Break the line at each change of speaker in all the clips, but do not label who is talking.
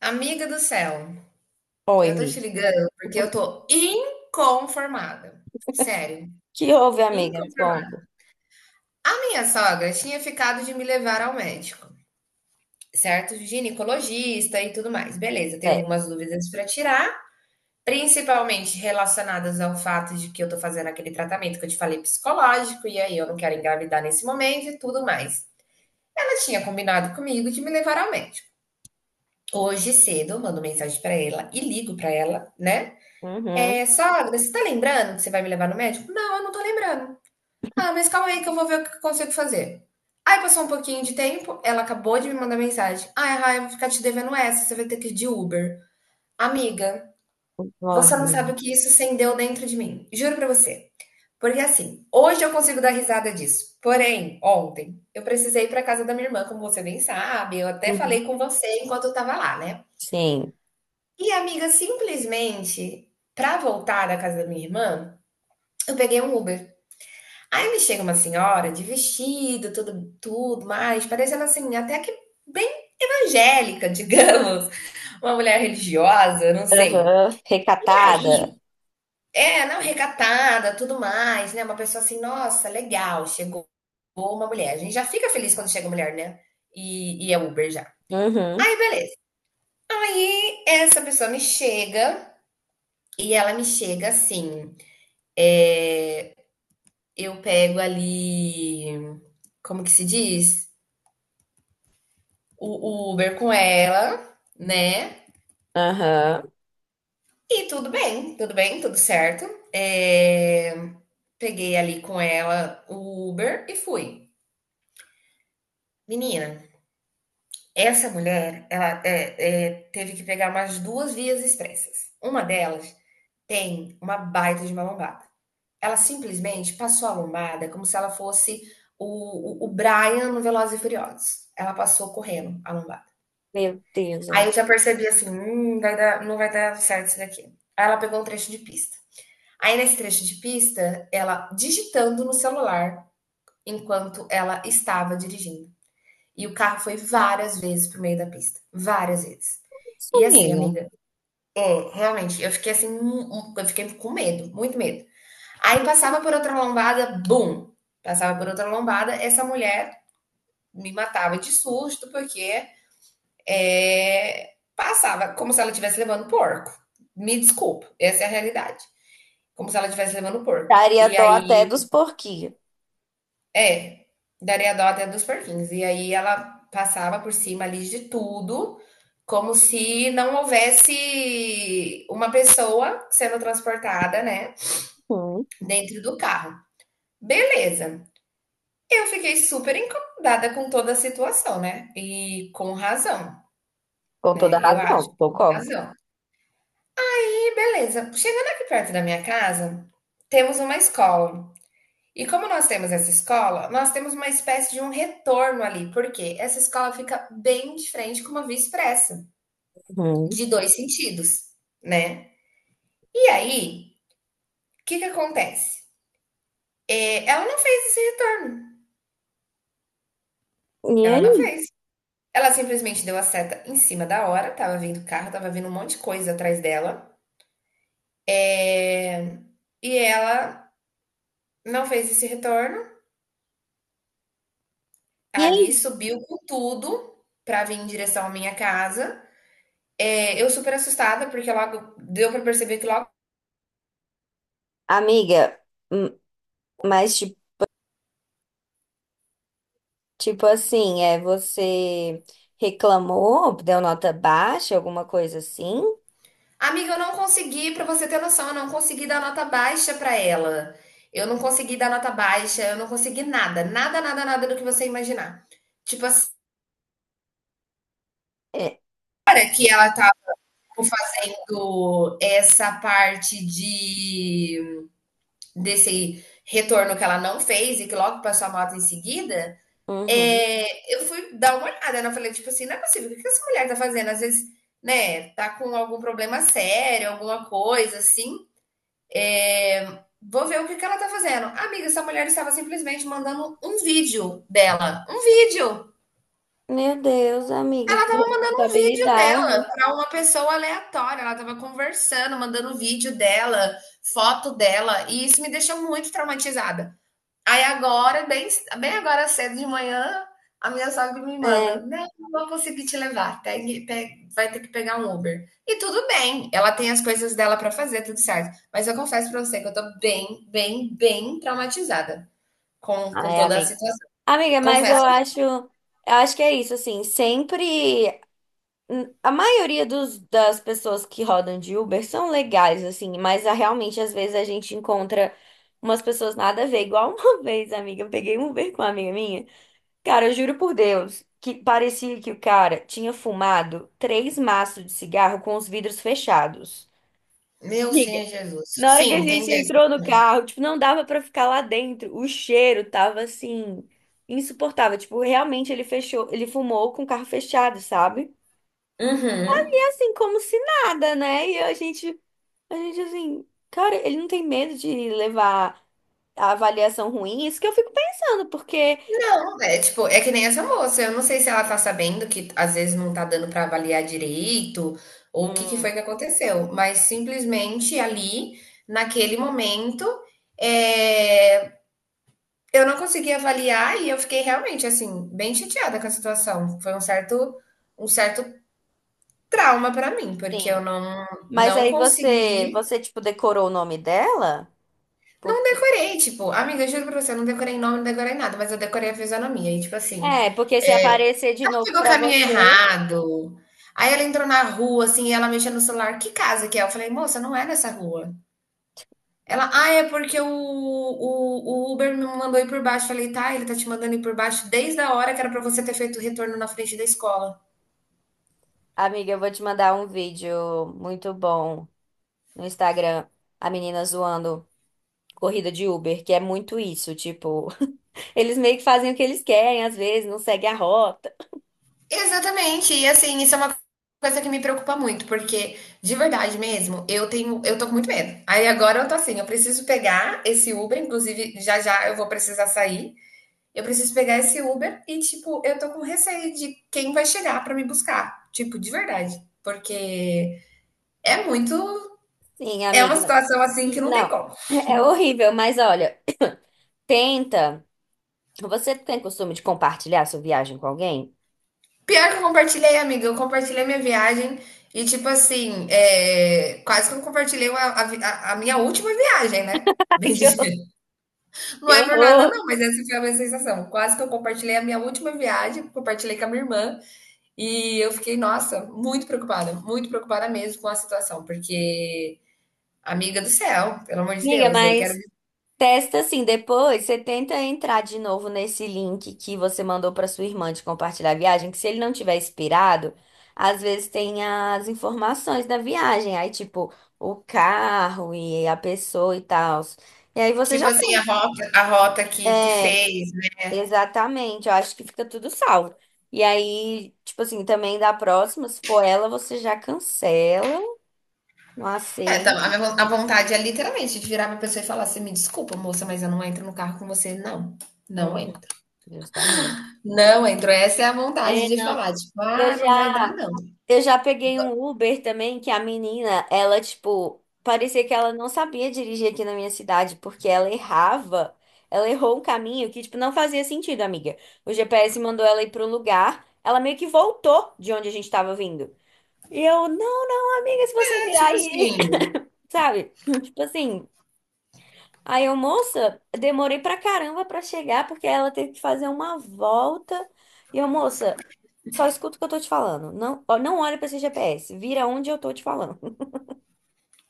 Amiga do céu,
Oi,
eu tô te
amiga.
ligando porque eu tô inconformada. Sério,
Que houve, amiga? Me
inconformada.
conta.
A minha sogra tinha ficado de me levar ao médico, certo? Ginecologista e tudo mais. Beleza, tenho
É.
algumas dúvidas pra tirar, principalmente relacionadas ao fato de que eu tô fazendo aquele tratamento que eu te falei psicológico e aí eu não quero engravidar nesse momento e tudo mais. Ela tinha combinado comigo de me levar ao médico. Hoje cedo, eu mando mensagem pra ela e ligo pra ela, né?
Uhum.
É, sogra, você tá lembrando que você vai me levar no médico? Não, eu não tô lembrando. Ah, mas calma aí que eu vou ver o que eu consigo fazer. Aí passou um pouquinho de tempo, ela acabou de me mandar mensagem. Ah, Rai, eu vou ficar te devendo essa, você vai ter que ir de Uber. Amiga, você não
Uhum.
sabe o que isso acendeu dentro de mim. Juro pra você. Porque assim, hoje eu consigo dar risada disso. Porém, ontem, eu precisei ir pra casa da minha irmã, como você bem sabe. Eu até
Uhum.
falei com você enquanto eu tava lá, né?
Sim.
E, amiga, simplesmente, pra voltar da casa da minha irmã, eu peguei um Uber. Aí me chega uma senhora de vestido, tudo, tudo mais, parecendo assim, até que bem evangélica, digamos, uma mulher religiosa, não sei.
Aham.
E
Recatada.
aí, é, não, recatada, tudo mais, né? Uma pessoa assim, nossa, legal, chegou uma mulher. A gente já fica feliz quando chega mulher, né? E é Uber já.
Uhum.
Aí, beleza. Aí, essa pessoa me chega e ela me chega assim, é, eu pego ali, como que se diz? O Uber com ela, né?
Aham.
E tudo bem, tudo bem, tudo certo. É, peguei ali com ela o Uber e fui. Menina, essa mulher, ela teve que pegar umas duas vias expressas. Uma delas tem uma baita de uma lombada. Ela simplesmente passou a lombada como se ela fosse o Brian no Velozes e Furiosos. Ela passou correndo a lombada.
Meu Deus,
Aí
amiga.
eu já percebi assim: vai dar não vai dar certo isso daqui". Aí ela pegou um trecho de pista. Aí nesse trecho de pista, ela digitando no celular enquanto ela estava dirigindo. E o carro foi várias vezes para meio da pista, várias vezes.
Isso,
E assim,
amiga.
amiga, é, realmente, eu fiquei assim, eu fiquei com medo, muito medo. Aí passava por outra lombada, bum, passava por outra lombada, essa mulher me matava de susto, porque é, passava como se ela estivesse levando porco. Me desculpa, essa é a realidade. Como se ela estivesse levando porco.
Daria
E
dó até
aí,
dos porquinhos.
é, daria dó até dos porquinhos. E aí ela passava por cima ali de tudo, como se não houvesse uma pessoa sendo transportada, né,
Uhum.
dentro do carro. Beleza. Eu fiquei super incomodada com toda a situação, né? E com razão,
Com toda
né? Eu acho,
razão,
com
concordo.
razão. Beleza. Chegando aqui perto da minha casa, temos uma escola. E como nós temos essa escola, nós temos uma espécie de um retorno ali, porque essa escola fica bem de frente com uma via expressa,
Uhum.
de dois sentidos, né? E aí, o que que acontece? É, ela não fez esse retorno.
E
Ela não
aí?
fez. Ela simplesmente deu a seta em cima da hora, tava vindo carro, tava vindo um monte de coisa atrás dela. É, e ela não fez esse retorno.
E
Ali
aí?
subiu com tudo para vir em direção à minha casa. É, eu super assustada, porque logo deu para perceber que logo.
Amiga, hum, mas tipo assim, é você reclamou, deu nota baixa, alguma coisa assim?
Amiga, eu não consegui, para você ter noção, eu não consegui dar nota baixa para ela. Eu não consegui dar nota baixa, eu não consegui nada, nada, nada, nada do que você imaginar. Tipo assim,
É.
fazendo essa parte de desse retorno que ela não fez e que logo passou a moto em seguida, é, eu fui dar uma olhada, né? Eu falei, tipo assim, não é possível, o que que essa mulher tá fazendo? Às vezes, né, tá com algum problema sério, alguma coisa assim. É, vou ver o que que ela tá fazendo. Amiga, essa mulher estava simplesmente mandando um vídeo dela. Um vídeo!
Meu Deus, amiga,
Ela
que
tava mandando um vídeo
responsabilidade.
dela pra uma pessoa aleatória. Ela tava conversando, mandando um vídeo dela, foto dela, e isso me deixou muito traumatizada. Aí agora, bem agora cedo de manhã, a minha sogra me manda,
É.
não, não vou conseguir te levar, vai ter que pegar um Uber. E tudo bem, ela tem as coisas dela para fazer, tudo certo. Mas eu confesso para você que eu tô bem traumatizada com
Ai,
toda a
amiga.
situação.
Amiga, mas eu
Confesso.
acho, eu acho que é isso, assim, sempre a maioria dos, das pessoas que rodam de Uber são legais, assim, mas ah, realmente às vezes a gente encontra umas pessoas nada a ver, igual uma vez, amiga, eu peguei um Uber com uma amiga minha. Cara, eu juro por Deus, que parecia que o cara tinha fumado três maços de cigarro com os vidros fechados.
Meu Senhor
Amiga,
Jesus.
na hora que a
Sim, tem
gente
dessas
entrou no
também.
carro, tipo, não dava pra ficar lá dentro. O cheiro tava assim insuportável, tipo, realmente ele fechou, ele fumou com o carro fechado, sabe?
Uhum.
E assim como se nada, né? E a gente assim, cara, ele não tem medo de levar a avaliação ruim? Isso que eu fico pensando, porque
Não, é tipo, é que nem essa moça. Eu não sei se ela tá sabendo que às vezes não tá dando pra avaliar direito, ou o que que foi
hum,
que aconteceu. Mas simplesmente ali, naquele momento, é, eu não consegui avaliar e eu fiquei realmente assim, bem chateada com a situação. Foi um certo trauma pra mim, porque eu
sim.
não,
Mas
não
aí você,
consegui.
você tipo decorou o nome dela?
Não
Porque
decorei, tipo, amiga, eu juro pra você, eu não decorei nome, não decorei nada, mas eu decorei a fisionomia. E tipo assim.
é, porque se
É,
aparecer de
ela
novo
pegou o
pra
caminho
você.
errado. Aí ela entrou na rua, assim, e ela mexendo no celular. Que casa que é? Eu falei, moça, não é nessa rua. Ela, ah, é porque o Uber me mandou ir por baixo. Eu falei, tá, ele tá te mandando ir por baixo desde a hora que era pra você ter feito o retorno na frente da escola.
Amiga, eu vou te mandar um vídeo muito bom no Instagram, a menina zoando corrida de Uber, que é muito isso, tipo, eles meio que fazem o que eles querem, às vezes não seguem a rota.
Exatamente. E assim, isso é uma coisa que me preocupa muito, porque de verdade mesmo, eu tenho, eu tô com muito medo. Aí agora eu tô assim, eu preciso pegar esse Uber, inclusive já já eu vou precisar sair. Eu preciso pegar esse Uber e, tipo, eu tô com receio de quem vai chegar pra me buscar. Tipo, de verdade. Porque é muito.
Sim,
É uma
amiga.
situação assim que não tem
Não,
como.
é horrível, mas olha, tenta. Você tem costume de compartilhar sua viagem com alguém?
Pior que eu compartilhei, amiga. Eu compartilhei minha viagem e, tipo assim, é, quase que eu compartilhei a minha última viagem, né?
Ai,
Bem
que
dizer.
horror.
Não é por nada,
Eu.
não, mas essa foi a minha sensação. Quase que eu compartilhei a minha última viagem, compartilhei com a minha irmã. E eu fiquei, nossa, muito preocupada mesmo com a situação, porque amiga do céu, pelo amor de
Amiga,
Deus, eu quero,
mas testa assim, depois você tenta entrar de novo nesse link que você mandou para sua irmã de compartilhar a viagem, que se ele não tiver expirado, às vezes tem as informações da viagem, aí tipo o carro e a pessoa e tal. E aí você
tipo
já
assim, a rota, que
é,
fez. Né?
exatamente, eu acho que fica tudo salvo. E aí, tipo assim, também da próxima, se for ela, você já cancela, não
É, tá,
aceita.
a vontade é literalmente de virar pra pessoa e falar assim: me desculpa, moça, mas eu não entro no carro com você, não. Não
Uhum,
entro.
justamente.
Não entro. Essa é a vontade
É,
de
não,
falar, tipo,
eu
ah, não vai dar,
já
não.
Eu já peguei um Uber também, que a menina, ela, tipo, parecia que ela não sabia dirigir aqui na minha cidade, porque ela errava. Ela errou um caminho que, tipo, não fazia sentido, amiga. O GPS mandou ela ir pro lugar, ela meio que voltou de onde a gente tava vindo. E eu, não, não, amiga, se você
É,
virar
tipo
aí,
assim,
sabe? Tipo assim. Aí eu, moça, demorei pra caramba pra chegar, porque ela teve que fazer uma volta. E eu, moça, só escuta o que eu tô te falando. Não, ó, não olha pra esse GPS, vira onde eu tô te falando.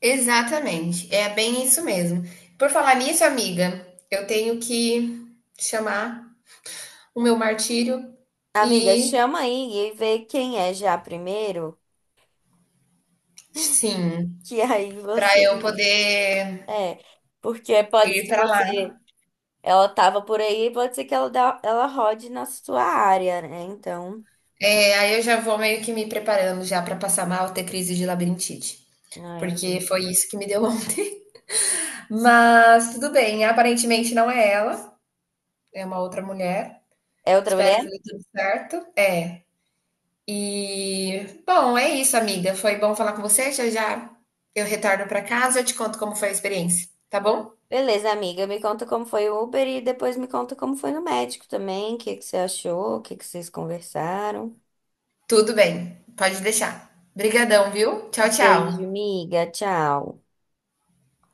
exatamente. É bem isso mesmo. Por falar nisso, amiga, eu tenho que chamar o meu martírio
Amiga,
e,
chama aí e vê quem é já primeiro,
sim,
que aí você.
pra eu poder
É, porque pode
ir
ser
pra lá.
você. Ela tava por aí, pode ser que ela, dá, ela rode na sua área, né? Então.
É, aí eu já vou meio que me preparando já para passar mal, ter crise de labirintite.
Ai,
Porque
amiga.
foi isso que me deu ontem. Mas tudo bem, aparentemente não é ela, é uma outra mulher.
É outra
Espero
mulher?
que dê tudo certo. É. E bom, é isso, amiga. Foi bom falar com você. Já já eu retorno para casa, eu te conto como foi a experiência, tá bom?
Beleza, amiga, me conta como foi o Uber e depois me conta como foi no médico também, o que que você achou, o que que vocês conversaram.
Tudo bem. Pode deixar. Brigadão, viu? Tchau,
Beijo,
tchau.
amiga, tchau.